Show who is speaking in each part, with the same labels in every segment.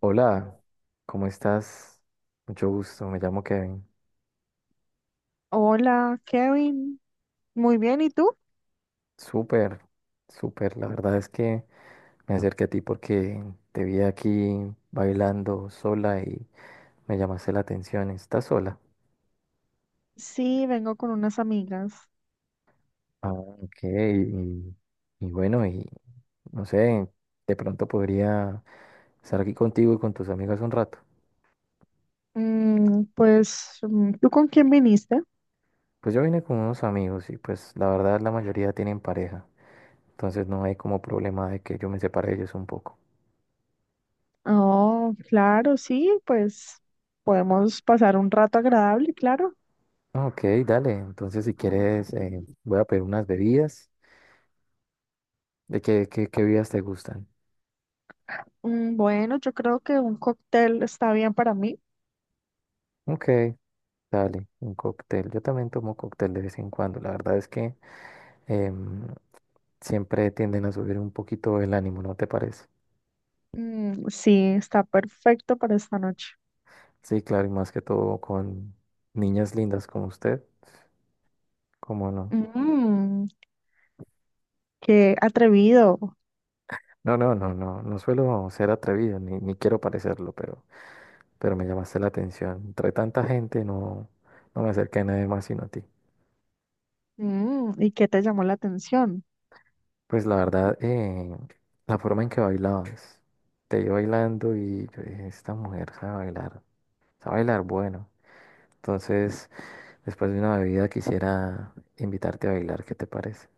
Speaker 1: Hola, ¿cómo estás? Mucho gusto, me llamo Kevin.
Speaker 2: Hola, Kevin. Muy bien, ¿y tú?
Speaker 1: Súper, súper. La verdad es que me acerqué a ti porque te vi aquí bailando sola y me llamaste la atención. ¿Estás sola?
Speaker 2: Sí, vengo con unas amigas.
Speaker 1: Ah, ok. Y bueno, y no sé, de pronto podría estar aquí contigo y con tus amigas un rato.
Speaker 2: ¿Tú con quién viniste?
Speaker 1: Pues yo vine con unos amigos y pues la verdad la mayoría tienen pareja. Entonces no hay como problema de que yo me separe de ellos un poco.
Speaker 2: Oh, claro, sí, pues podemos pasar un rato agradable, claro.
Speaker 1: Ah, ok, dale. Entonces, si quieres, voy a pedir unas bebidas. ¿De qué bebidas te gustan?
Speaker 2: Bueno, yo creo que un cóctel está bien para mí.
Speaker 1: Ok, dale, un cóctel. Yo también tomo cóctel de vez en cuando. La verdad es que em, siempre tienden a subir un poquito el ánimo, ¿no te parece?
Speaker 2: Mm, sí, está perfecto para esta noche.
Speaker 1: Sí, claro, y más que todo con niñas lindas como usted. ¿Cómo no?
Speaker 2: Mm, Qué atrevido.
Speaker 1: No, no, no, no. No suelo ser atrevido, ni quiero parecerlo, pero me llamaste la atención. Entre tanta gente, no, no me acerqué a nadie más sino a ti.
Speaker 2: ¿Y qué te llamó la atención?
Speaker 1: Pues la verdad, la forma en que bailabas, te vi bailando y yo dije, esta mujer sabe bailar bueno. Entonces, después de una bebida quisiera invitarte a bailar, ¿qué te parece?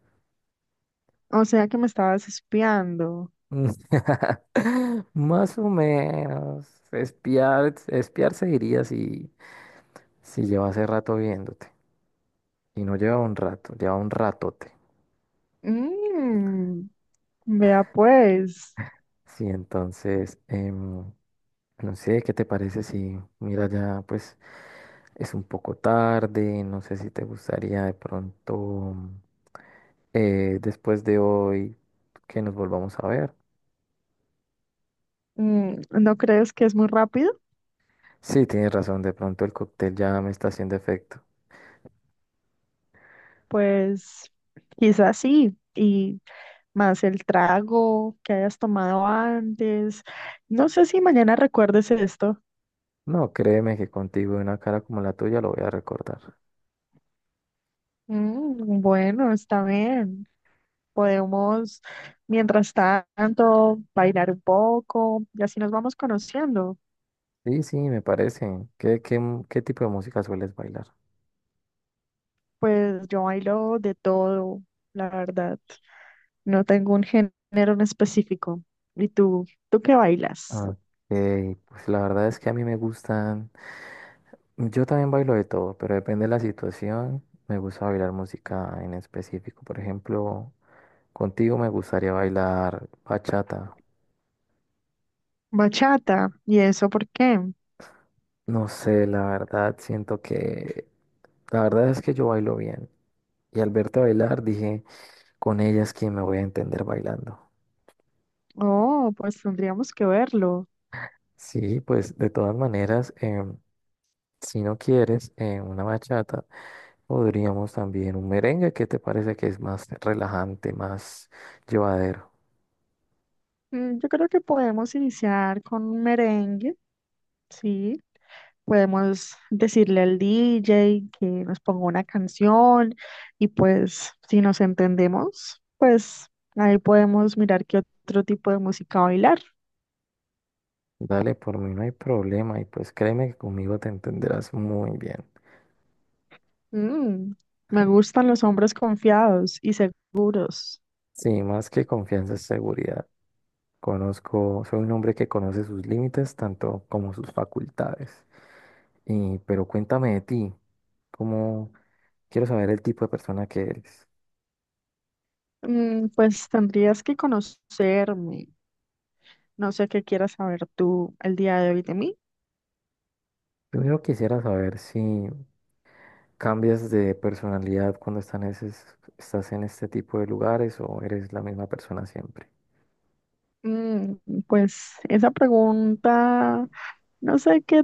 Speaker 2: O sea que me estabas espiando.
Speaker 1: Mm. Más o menos, espiar se diría si lleva hace rato viéndote. Y no lleva un rato, lleva un ratote.
Speaker 2: Mm. Vea, pues,
Speaker 1: Sí, entonces, no sé, ¿qué te parece si, mira, ya pues es un poco tarde, no sé si te gustaría de pronto después de hoy que nos volvamos a ver?
Speaker 2: ¿no crees que es muy rápido?
Speaker 1: Sí, tienes razón, de pronto el cóctel ya me está haciendo efecto.
Speaker 2: Pues quizás sí, y más el trago que hayas tomado antes. No sé si mañana recuerdes esto.
Speaker 1: No, créeme que contigo y una cara como la tuya lo voy a recordar.
Speaker 2: Bueno, está bien. Podemos, mientras tanto, bailar un poco y así nos vamos conociendo.
Speaker 1: Sí, sí, me parece. Qué tipo de música sueles bailar?
Speaker 2: Pues yo bailo de todo, la verdad. No tengo un género en específico. ¿Y tú? ¿Tú qué bailas?
Speaker 1: Ah, ok, pues la verdad es que a mí me gustan. Yo también bailo de todo, pero depende de la situación. Me gusta bailar música en específico. Por ejemplo, contigo me gustaría bailar bachata.
Speaker 2: Bachata, ¿y eso por qué?
Speaker 1: No sé, la verdad, siento que... La verdad es que yo bailo bien. Y al verte bailar dije, con ella es quien me voy a entender bailando.
Speaker 2: Oh, pues tendríamos que verlo.
Speaker 1: Sí, pues de todas maneras, si no quieres una bachata, podríamos también un merengue. ¿Qué te parece que es más relajante, más llevadero?
Speaker 2: Yo creo que podemos iniciar con un merengue, ¿sí? Podemos decirle al DJ que nos ponga una canción, y pues si nos entendemos, pues ahí podemos mirar qué otro tipo de música bailar.
Speaker 1: Dale, por mí no hay problema y pues créeme que conmigo te entenderás muy bien.
Speaker 2: Mm, me gustan los hombres confiados y seguros.
Speaker 1: Sí, más que confianza es seguridad. Conozco, soy un hombre que conoce sus límites tanto como sus facultades. Y, pero cuéntame de ti, cómo, quiero saber el tipo de persona que eres.
Speaker 2: Pues tendrías que conocerme. No sé qué quieras saber tú el día de hoy de mí.
Speaker 1: Primero quisiera saber si cambias de personalidad cuando estás en este tipo de lugares o eres la misma persona siempre.
Speaker 2: Mm, pues esa pregunta, no sé qué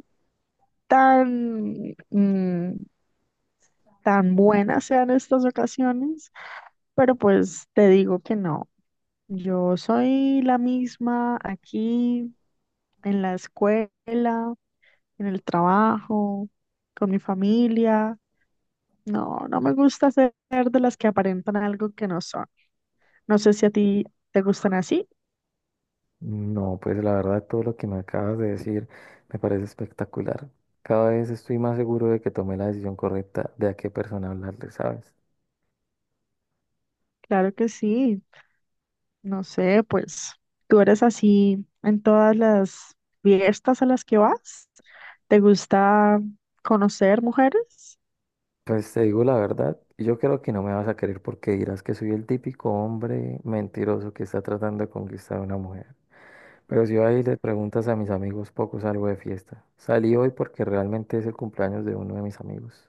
Speaker 2: tan, tan buena sea en estas ocasiones, pero pues te digo que no. Yo soy la misma aquí, en la escuela, en el trabajo, con mi familia. No, no me gusta ser de las que aparentan algo que no son. No sé si a ti te gustan así.
Speaker 1: No, pues la verdad todo lo que me acabas de decir me parece espectacular. Cada vez estoy más seguro de que tomé la decisión correcta de a qué persona hablarle, ¿sabes?
Speaker 2: Claro que sí. No sé, pues tú eres así en todas las fiestas a las que vas. ¿Te gusta conocer mujeres?
Speaker 1: Pues te digo la verdad, yo creo que no me vas a querer porque dirás que soy el típico hombre mentiroso que está tratando de conquistar a una mujer. Pero si ahí le preguntas a mis amigos, poco salgo de fiesta. Salí hoy porque realmente es el cumpleaños de uno de mis amigos.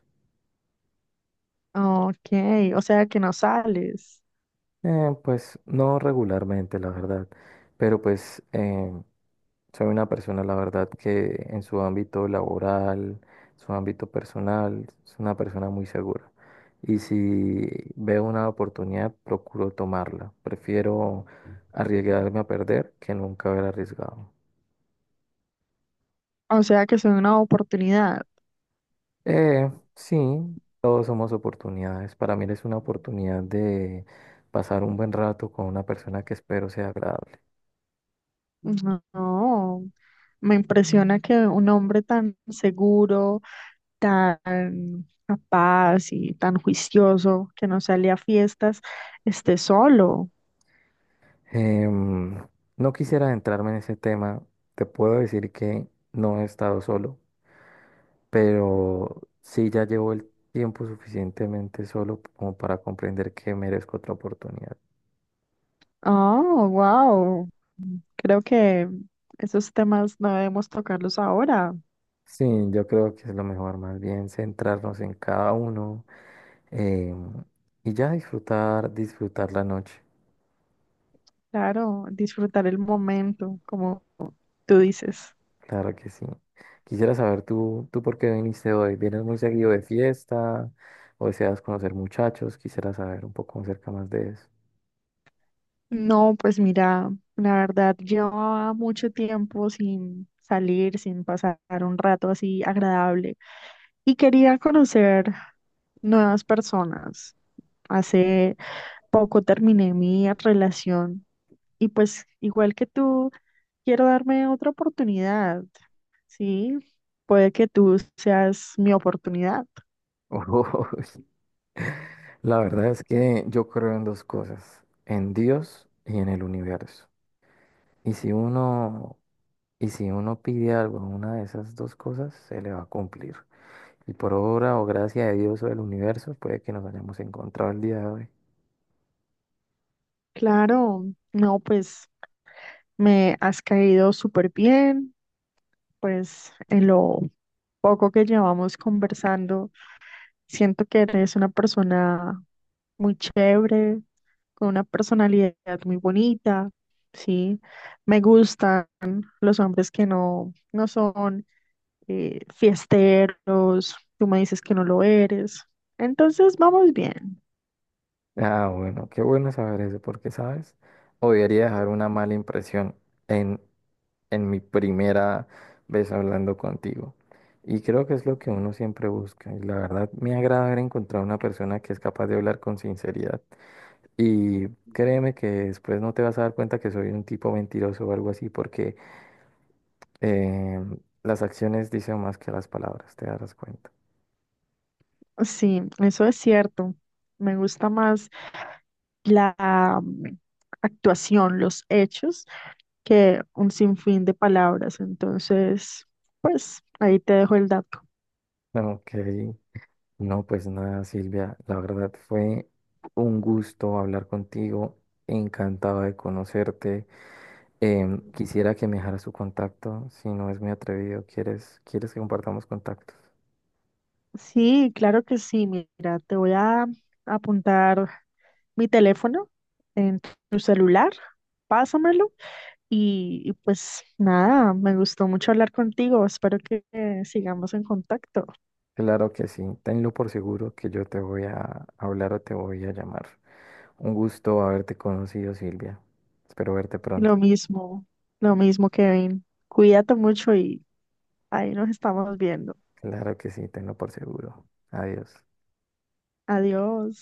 Speaker 2: Ok, o sea que no sales.
Speaker 1: Pues no regularmente, la verdad, pero pues soy una persona, la verdad, que en su ámbito laboral, su ámbito personal, es una persona muy segura. Y si veo una oportunidad, procuro tomarla. Prefiero arriesgarme a perder que nunca haber arriesgado.
Speaker 2: O sea que es una oportunidad.
Speaker 1: Sí, todos somos oportunidades. Para mí es una oportunidad de pasar un buen rato con una persona que espero sea agradable.
Speaker 2: No, no, me impresiona que un hombre tan seguro, tan capaz y tan juicioso que no sale a fiestas esté solo.
Speaker 1: Em, no quisiera adentrarme en ese tema. Te puedo decir que no he estado solo, pero sí ya llevo el tiempo suficientemente solo como para comprender que merezco otra oportunidad.
Speaker 2: Oh, wow. Creo que esos temas no debemos tocarlos ahora.
Speaker 1: Sí, yo creo que es lo mejor, más bien centrarnos en cada uno em, y ya disfrutar, disfrutar la noche.
Speaker 2: Claro, disfrutar el momento, como tú dices.
Speaker 1: Claro que sí. Quisiera saber tú por qué viniste hoy. ¿Vienes muy seguido de fiesta o deseas conocer muchachos? Quisiera saber un poco acerca más de eso.
Speaker 2: No, pues mira, la verdad llevaba mucho tiempo sin salir, sin pasar un rato así agradable, y quería conocer nuevas personas. Hace poco terminé mi relación y pues igual que tú, quiero darme otra oportunidad, ¿sí? Puede que tú seas mi oportunidad.
Speaker 1: Uy, la verdad es que yo creo en dos cosas, en Dios y en el universo. Y si uno, y si uno pide algo en una de esas dos cosas, se le va a cumplir. Y por obra o gracia de Dios o del universo, puede que nos hayamos encontrado el día de hoy.
Speaker 2: Claro, no, pues me has caído súper bien. Pues en lo poco que llevamos conversando, siento que eres una persona muy chévere, con una personalidad muy bonita, ¿sí? Me gustan los hombres que no, no son fiesteros, tú me dices que no lo eres. Entonces vamos bien.
Speaker 1: Ah, bueno, qué bueno saber eso, porque, ¿sabes? Odiaría dejar una mala impresión en en mi primera vez hablando contigo. Y creo que es lo que uno siempre busca. Y la verdad me agrada haber encontrado una persona que es capaz de hablar con sinceridad. Y créeme que después no te vas a dar cuenta que soy un tipo mentiroso o algo así, porque eh, las acciones dicen más que las palabras, te darás cuenta.
Speaker 2: Sí, eso es cierto. Me gusta más la actuación, los hechos que un sinfín de palabras. Entonces, pues ahí te dejo el dato.
Speaker 1: Ok, no, pues nada, Silvia, la verdad fue un gusto hablar contigo, encantado de conocerte. Quisiera que me dejara su contacto, si no es muy atrevido. Quieres que compartamos contactos?
Speaker 2: Sí, claro que sí. Mira, te voy a apuntar mi teléfono en tu celular. Pásamelo y, pues nada, me gustó mucho hablar contigo. Espero que sigamos en contacto.
Speaker 1: Claro que sí, tenlo por seguro que yo te voy a hablar o te voy a llamar. Un gusto haberte conocido, Silvia. Espero verte
Speaker 2: Y
Speaker 1: pronto.
Speaker 2: lo mismo, lo mismo, Kevin. Cuídate mucho y ahí nos estamos viendo.
Speaker 1: Claro que sí, tenlo por seguro. Adiós.
Speaker 2: Adiós.